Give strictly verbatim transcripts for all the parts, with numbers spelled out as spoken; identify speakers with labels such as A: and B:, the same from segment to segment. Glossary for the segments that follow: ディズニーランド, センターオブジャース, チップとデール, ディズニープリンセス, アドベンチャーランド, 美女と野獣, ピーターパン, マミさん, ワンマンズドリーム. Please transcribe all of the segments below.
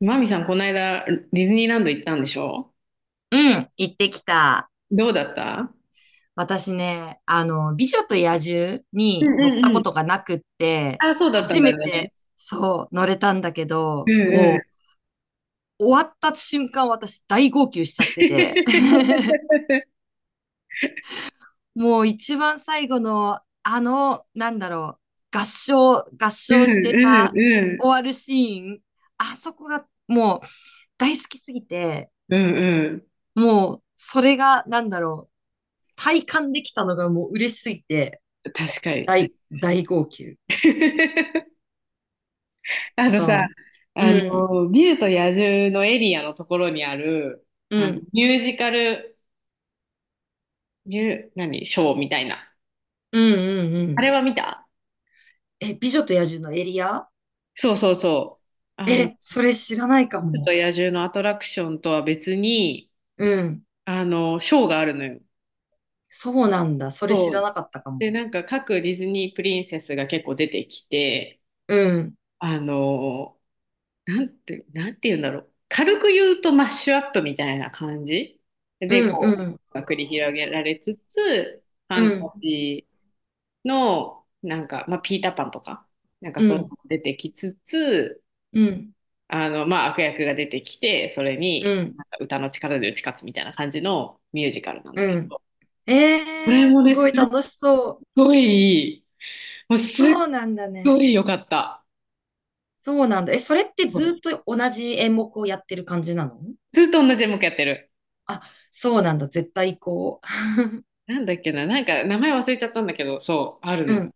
A: マミさん、この間、ディズニーランド行ったんでしょ？
B: うん、行ってきた。
A: どうだった？
B: 私ね、あの、美女と野獣
A: う
B: に
A: んう
B: 乗っ
A: ん
B: た
A: う
B: こと
A: ん。
B: がなくって、
A: あ、そうだった
B: 初
A: んだ
B: め
A: ね。
B: て、そう、乗れたんだけ
A: う
B: ど、
A: んう
B: も
A: ん。
B: う、終わった瞬間私大号泣しちゃってて、もう一番最後の、あの、なんだろう、合唱、合
A: う
B: 唱して
A: んうん
B: さ、
A: うん。
B: 終わるシーン、あそこがもう大好きすぎて、
A: うんうん。
B: もう、それが、なんだろう、体感できたのがもう嬉しすぎて、
A: 確かに。
B: 大、大号泣。
A: あ
B: あ
A: のさ、
B: と、
A: あ
B: うん、
A: の、美女と野獣のエリアのところにある、
B: うん、う
A: あの、
B: ん、
A: ミュージカル、ミュー、何、ショーみたいな。
B: うん、う
A: あ
B: ん。
A: れは見た？
B: え、美女と野獣のエリア？
A: そうそうそう。あの、
B: え、
A: 美
B: それ知らないか
A: 女と
B: も。
A: 野獣のアトラクションとは別に、
B: うん。
A: あの、ショーがあるのよ。
B: そうなんだ。それ知
A: そ
B: ら
A: う
B: なかったかも。
A: で、なんか各ディズニープリンセスが結構出てきて、
B: うん、
A: あの、なんて、なんて言うんだろう。軽く言うとマッシュアップみたいな感じで、
B: う
A: こ
B: ん、
A: う、
B: うん、
A: が繰り広げられつつ、ファ
B: う
A: ンタ
B: ん、
A: ジーの、なんか、まあ、ピーターパンとか、なんか
B: う
A: そういうの
B: ん、
A: も出てきつつ、
B: うん、
A: あの、まあ、悪役が出てきて、それに、
B: うん、
A: なんか歌の力で打ち勝つみたいな感じのミュージカルなんだ
B: う
A: け
B: ん。
A: ど、これ
B: えー、
A: も
B: す
A: ね、すっ
B: ごい楽しそう。
A: ごいい、もうすっ
B: そうなんだね。
A: ごい良かった。
B: そうなんだ。え、それって
A: う
B: ずっ
A: ん。
B: と同じ演目をやってる感じなの？
A: ずっと同じ演目やってる。
B: あ、そうなんだ。絶対こ
A: なんだっけな、なんか名前忘れちゃったんだけど、そう、ある
B: う。う
A: の。
B: ん。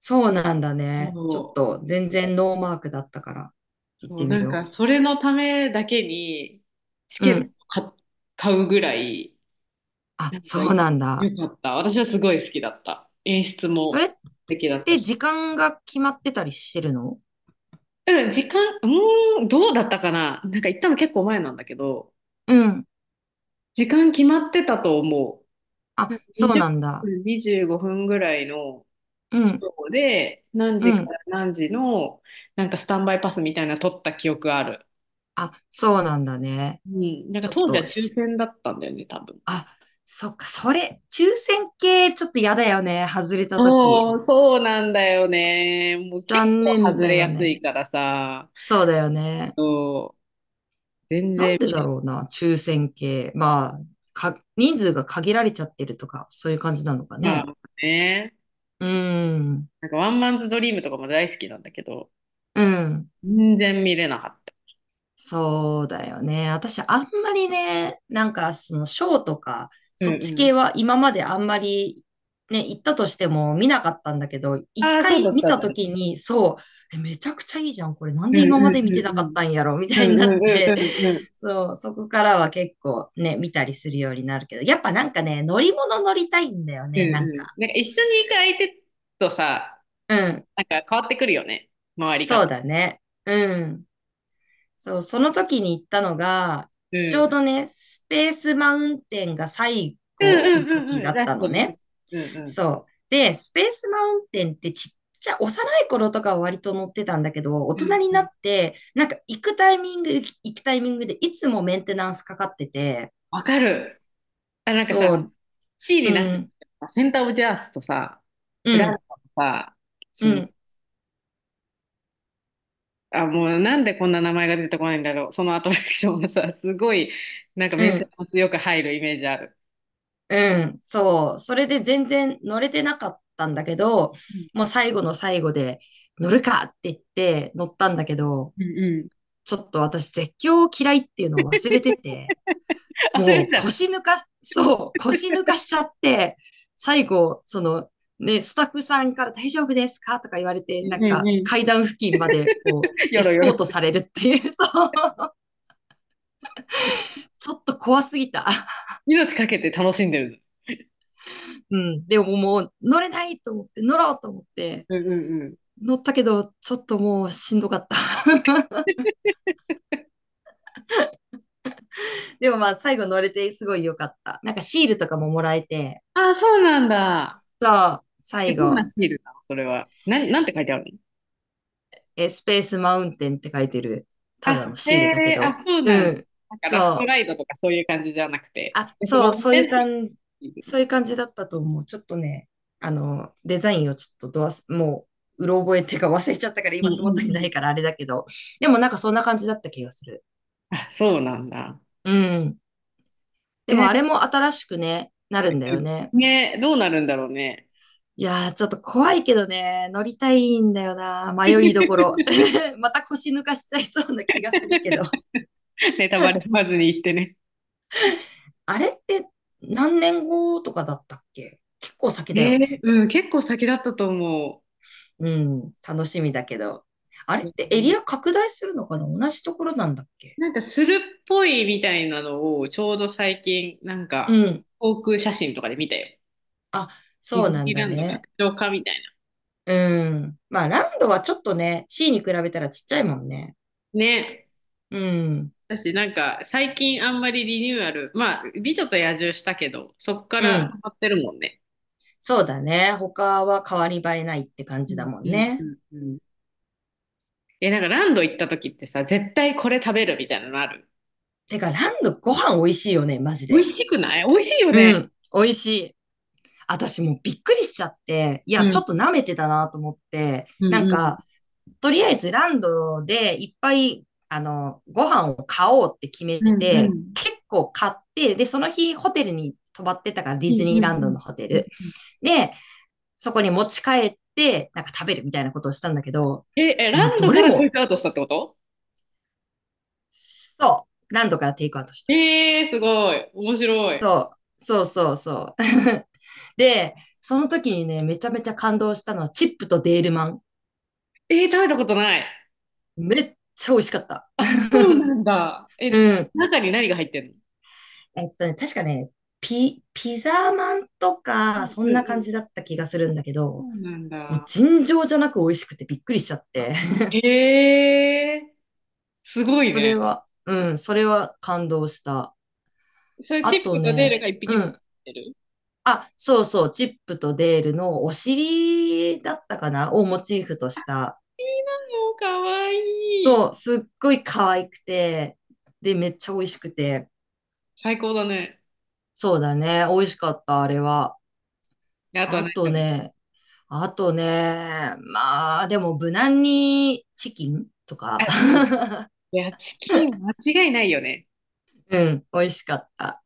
B: そうなんだ
A: そ
B: ね。ちょっ
A: う、
B: と全然ノーマークだったから行っ
A: そ
B: て
A: う、
B: み
A: なんか
B: よ
A: それのためだけにチ
B: う。
A: ケ
B: う
A: ット
B: ん。
A: か買うぐらい、
B: あ、
A: なんか
B: そう
A: よ、
B: なんだ。
A: よかった。私はすごい好きだった。演出
B: それ
A: も
B: っ
A: 素敵だった
B: て
A: し。
B: 時間が決まってたりしてるの？
A: うん、時間、うーん、どうだったかな。なんか行ったの結構前なんだけど、
B: うん。
A: 時間決まってたと思
B: あ、
A: う。なんか
B: そう
A: 20
B: なんだ。
A: 分、にじゅうごふんぐらいの。
B: うん。
A: そうで、何
B: う
A: 時か
B: ん。
A: ら何時の、なんかスタンバイパスみたいなの取った記憶ある。
B: あ、そうなんだね。
A: うん。なんか
B: ちょっ
A: 当時は
B: と
A: 抽
B: し、
A: 選だったんだよね、多分。
B: あ、そっか、それ、抽選系ちょっと嫌だよね。外れた時
A: そう、そうなんだよね。もう結
B: 残
A: 構外
B: 念だ
A: れ
B: よ
A: やすい
B: ね。
A: からさ。
B: そうだよね。
A: そう、全
B: な
A: 然
B: んで
A: 見
B: だ
A: れ。
B: ろうな、抽選系。まあ、か、人数が限られちゃってるとか、そういう感じなのか
A: まあ
B: ね。
A: ね。
B: うん。
A: なんかワンマンズドリームとかも大好きなんだけど、
B: うん。
A: 全然見れなかった。
B: そうだよね。私、あんまりね、なんか、その、ショーとか、
A: うん
B: そっち
A: う
B: 系
A: ん。
B: は今まであんまり、ね、行ったとしても見なかったんだけど、一
A: ああ、そうだ
B: 回
A: っ
B: 見
A: たん
B: た
A: だ
B: と
A: ね。
B: きに、そう、えめちゃくちゃいいじゃん。これなん
A: う
B: で
A: んう
B: 今まで
A: ん
B: 見
A: う
B: て
A: ん
B: なか
A: う
B: っ
A: ん。
B: たんやろみたいになっ
A: うんうんうん
B: て、
A: うんうん。
B: そう、そこからは結構ね、見たりするようになるけど、やっぱなんかね、乗り物乗りたいんだよ
A: うん
B: ね、なん
A: うん。
B: か。
A: なんか一緒に行く相手とさ、
B: うん。
A: なんか変わってくるよね、回り
B: そう
A: 方。
B: だね。うん。そう、その時に行ったのが、
A: う
B: ちょう
A: ん。
B: どね、スペースマウンテンが最
A: うん
B: 後
A: う
B: の
A: んう
B: 時
A: んう
B: だ
A: ん。
B: っ
A: ラス
B: た
A: ト
B: の
A: の
B: ね。
A: 時。うんうん。
B: そう。で、スペースマウンテンってちっちゃ、幼い頃とかは割と乗ってたんだけど、大
A: う
B: 人
A: ん
B: に
A: う
B: な
A: ん。
B: って、なんか行くタイミング、行くタイミングでいつもメンテナンスかかってて、
A: わかる。あ、なんかさ、
B: そう、
A: C
B: う
A: になっちゃっ
B: ん、
A: た。センターオブジャースとさ、
B: う
A: ラン
B: ん、
A: ドとさ、そ
B: う
A: の、
B: ん、
A: あ、もうなんでこんな名前が出てこないんだろう。そのアトラクションがさ、すごい、なんか
B: う
A: メンテ
B: ん、
A: ナンスよく入るイメージある。
B: うん、そう。それで全然乗れてなかったんだけど、
A: うん
B: もう最後の最後で乗るかって言って乗ったんだけど、
A: うんうん。
B: ちょっと私絶叫嫌いっていうのを忘れてて、
A: 忘れ
B: も
A: て
B: う
A: たね。
B: 腰抜か、そう、腰抜かしちゃって、最後、その、ね、スタッフさんから大丈夫ですかとか言われて、
A: う
B: な
A: ん
B: ん
A: うん
B: か
A: う
B: 階
A: ん。
B: 段付近までこう、エ
A: よろ
B: ス
A: よ
B: コー
A: ろ。
B: トされるっていう、そう、ちょっと怖すぎた。
A: 命かけて楽しんでる
B: うん。でももう乗れないと思って、乗ろうと思って、
A: の。うんうんうん。
B: 乗ったけど、ちょっともうしんどかった。でもまあ最後乗れてすごい良かった。なんかシールとかももらえて、
A: あ、そうなんだ。
B: そう、
A: え、
B: 最
A: どんな
B: 後、
A: シールなのそれは？なん、なんて書いてあるの？
B: えースペースマウンテンって書いてる、ただ
A: あ、
B: の
A: へ
B: シールだけ
A: え、
B: ど。
A: あ、そうなん
B: う
A: だ。
B: ん。
A: なんかラスト
B: そう。
A: ライドとかそういう感じじゃなくて、ち
B: あ、
A: ょっと
B: そう、
A: 待っ
B: そう
A: てっ
B: いう感
A: て
B: じ、
A: いうシー
B: そ
A: ル。
B: ういう感じだったと思う。ちょっとね、あの、デザインをちょっとどわす、もう、うろ覚えっていうか忘れちゃったから
A: うん
B: 今手
A: う
B: 元
A: ん
B: に
A: う
B: な
A: ん。
B: いからあれだけど、でもなんかそんな感じだった気がする。
A: あ、そうなんだ。
B: うん。で
A: え、な
B: も
A: ん
B: あ
A: か、
B: れも新しくね、なるんだよね。
A: うんね、どうなるんだろうね。
B: いやー、ちょっと怖いけどね、乗りたいんだよな。迷いどころ。また腰抜かしちゃいそうな気がするけど。
A: ネタバレ踏まずに言ってね。
B: あれって何年後とかだったっけ？結構先だ
A: え
B: よ
A: ー、
B: ね。
A: うん、結構先だったと思
B: うん、楽しみだけど。あれっ
A: う。
B: てエ
A: う
B: リ
A: ん。
B: ア拡大するのかな？同じところなんだっけ？
A: なんかするっぽいみたいなのをちょうど最近、なん
B: う
A: か
B: ん。
A: 航空写真とかで見たよ。
B: あ、
A: ディ
B: そう
A: ズ
B: なん
A: ニー
B: だ
A: ランド
B: ね。
A: 拡張化みたい
B: うん。まあ、ランドはちょっとね、シー に比べたらちっちゃいもんね。
A: な。ね。
B: うん。
A: 私なんか最近あんまりリニューアル、まあ、美女と野獣したけど、そっか
B: う
A: ら溜
B: ん。
A: まってるもんね。
B: そうだね。他は変わり映えないって感
A: う
B: じだ
A: ん
B: も
A: う
B: ん
A: んう
B: ね。
A: んうん。え、なんかランド行った時ってさ、絶対これ食べるみたいなのある？
B: てか、ランドご飯美味しいよね、マジ
A: 美
B: で。
A: 味しくない？美味しいよね。
B: うん。美味しい。私もうびっくりしちゃって、いや、
A: う
B: ちょ
A: ん。
B: っと舐めてたなと思って、
A: う
B: な
A: ん
B: ん
A: うん。
B: か、とりあえずランドでいっぱい、あの、ご飯を買おうって決め
A: うんう
B: て、
A: ん。
B: 結構買って、で、その日ホテルに泊まってたから、デ
A: う
B: ィズ
A: ん
B: ニー
A: う
B: ランドの
A: ん
B: ホテ
A: う
B: ル。
A: ん。
B: で、そこに持ち帰って、なんか食べるみたいなことをしたんだけど、
A: え、え、
B: もう
A: ラン
B: ど
A: ドか
B: れ
A: らテイ
B: も、
A: クアウトしたってこと？
B: そう、ランドからテイクアウトした。
A: えー、すごい。面白い。
B: そうそうそう。で、その時にね、めちゃめちゃ感動したのは、チップとデールマン。
A: えー、食べたことない。
B: めっちゃ美味しかった。
A: あ、そうな んだ。え、
B: うん。
A: 中に何が入ってんの？
B: えっとね、確かね、ピ、ピザマンと
A: う
B: か、
A: んう
B: そ
A: ん
B: んな
A: う
B: 感
A: ん。
B: じだった気がするんだけ
A: そ
B: ど、
A: うなん
B: もう
A: だ。
B: 尋常じゃなく美味しくてびっくりしちゃって。
A: え ー。すごい
B: それ
A: ね。
B: は、うん、それは感動した。
A: それ
B: あ
A: チッ
B: と
A: プとデール
B: ね、
A: が一匹
B: う
A: ずつ
B: ん。
A: 出てる。い
B: あ、そうそう、チップとデールのお尻だったかなをモチーフとした。
A: いなの、もうかわいい。
B: そう、すっごい可愛くて、で、めっちゃ美味しくて。
A: 最高だね。
B: そうだね、美味しかった、あれは。
A: であとは
B: あ
A: 何食
B: と
A: べる？
B: ね、あとね、まあ、でも無難にチキンと
A: あ、
B: か。
A: チキン。いや、チキン間違いないよね。
B: うん、美味しかった。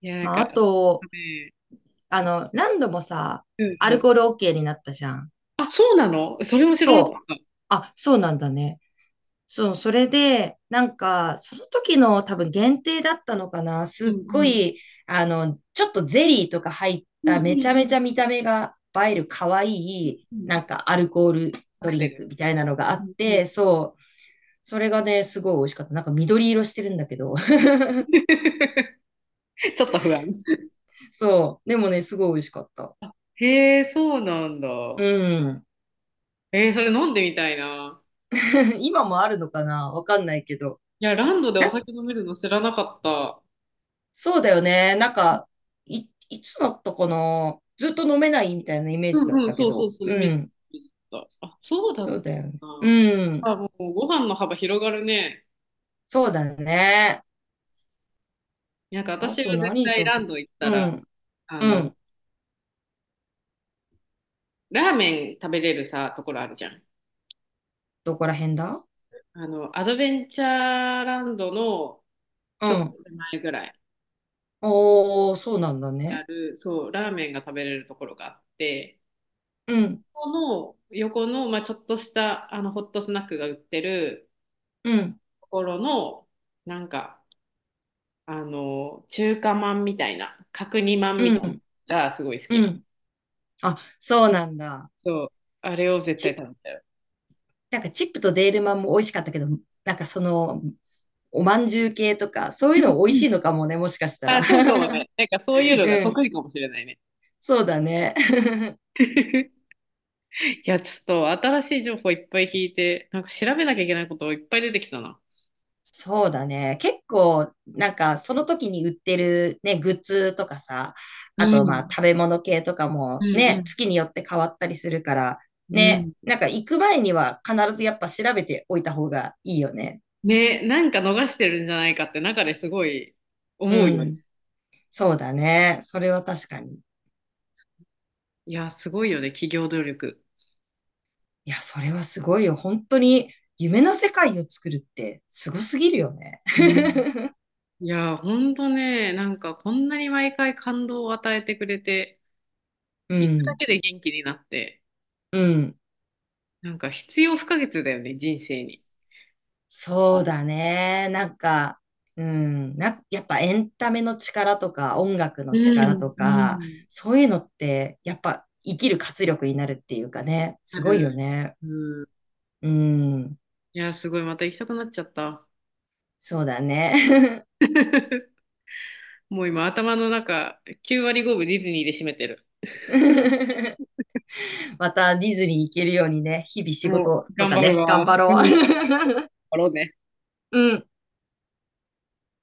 A: いや、なん
B: まあ、
A: か、
B: あ
A: ね、
B: と、あの、何度もさ、
A: うん
B: ア
A: う
B: ル
A: ん。
B: コール オーケー になったじゃん。
A: あ、そうなのそれも知らなか
B: そう。
A: った。
B: あ、そうなんだね。そう、それで、なんか、その時の多分限定だったのかな。
A: うん
B: すっ
A: う
B: ご
A: ん。
B: い、あの、ちょっとゼリーとか入っ
A: うん
B: た
A: う
B: めち
A: ん
B: ゃめち
A: うん
B: ゃ見た目が映える可愛
A: う
B: い、
A: ん。
B: なんかアルコール
A: カ
B: ド
A: ク
B: リ
A: テ
B: ン
A: ル
B: ク
A: み
B: みた
A: た
B: い
A: いな。
B: なのがあ
A: う
B: っ
A: んうん
B: て、そう。それがね、すごい美味しかった。なんか緑色してるんだけど。
A: ちょっと不安。
B: そう。でもね、すごい美味しかった。
A: へえ、そうなんだ。
B: うん。
A: えー、それ飲んでみたいな。
B: 今もあるのかなわかんないけど。
A: いや、ランドでお
B: な、
A: 酒飲めるの知らなかった。
B: そうだよね。なんか、い、いつだったかなずっと飲めないみたいなイメー
A: う
B: ジだっ
A: んう
B: た
A: ん、
B: け
A: そうそう
B: ど。
A: そう、イメ
B: う
A: ージ
B: ん。
A: でした。あ、そうだ
B: そ
A: っ
B: うだよね。
A: たな。
B: うん。
A: あ、もうご飯の幅広がるね。
B: そうだね。
A: なんか
B: あ
A: 私
B: と
A: は絶
B: 何
A: 対
B: 食
A: ラ
B: べ
A: ン
B: た？
A: ド行った
B: う
A: ら、
B: ん。
A: あ
B: う
A: の、
B: ん。
A: ラーメン食べれるさ、ところあるじゃん。
B: どこら辺だ？
A: あの、アドベンチャーランドの
B: う
A: ちょっと
B: ん。
A: 手前ぐらい
B: おー、そうなんだ
A: にあ
B: ね。
A: る、そう、ラーメンが食べれるところがあって、
B: うん。
A: ここの横の、まあ、ちょっとしたあのホットスナックが売ってる
B: うん。
A: ところの、なんか、あの、中華まんみたいな、角煮まんみ
B: う
A: たいなの
B: ん。
A: がすごい好き
B: う
A: な。
B: ん。あ、そうなんだ。
A: そう、あれを絶対食べたよ。
B: なんかチップとデールマンも美味しかったけど、なんかその、おまんじゅう系とか、そういうの美
A: う
B: 味
A: んう
B: し
A: ん。
B: いのかもね、もしかしたら。
A: あ、そうかも ね。なんかそういうの
B: う
A: が
B: ん。
A: 得意かもしれないね。
B: そうだね。
A: いや、ちょっと新しい情報いっぱい聞いて、なんか調べなきゃいけないこといっぱい出てきたな。
B: そうだね。結構、なんか、その時に売ってるね、グッズとかさ、
A: う
B: あと、まあ、
A: ん、
B: 食べ物系とか
A: う
B: も
A: ん、
B: ね、
A: う
B: 月によって変わったりするから、
A: ん、
B: ね、
A: うん。
B: なんか行く前には必ずやっぱ調べておいた方がいいよね。
A: ね、なんか逃してるんじゃないかって中ですごい
B: う
A: 思うよね。
B: ん。そうだね。それは確かに。
A: いや、すごいよね、企業努力。
B: いや、それはすごいよ。本当に夢の世界を作るってすごすぎるよね。
A: うん。いや、ほんとね、なんかこんなに毎回感動を与えてくれて、
B: う
A: 行くだ
B: ん、
A: けで元気になって、
B: うん。
A: なんか必要不可欠だよね、人生に。
B: そうだね。なんか、うん、な、やっぱエンタメの力とか音楽
A: う
B: の力と
A: ん、う
B: か、
A: ん。
B: そういうのってやっぱ生きる活力になるっていうかね、
A: あ
B: すごいよ
A: る。
B: ね。
A: うん。
B: うん、
A: いや、すごい、また行きたくなっちゃった。
B: そうだね。
A: もう今、頭の中、きゅう割ごぶディズニーで占めてる。
B: またディズニー行けるようにね、日々仕
A: も
B: 事
A: う、
B: と
A: 頑
B: か
A: 張る
B: ね、頑
A: わ。
B: 張
A: うん。
B: ろう。
A: 頑 張ろうね。
B: うん。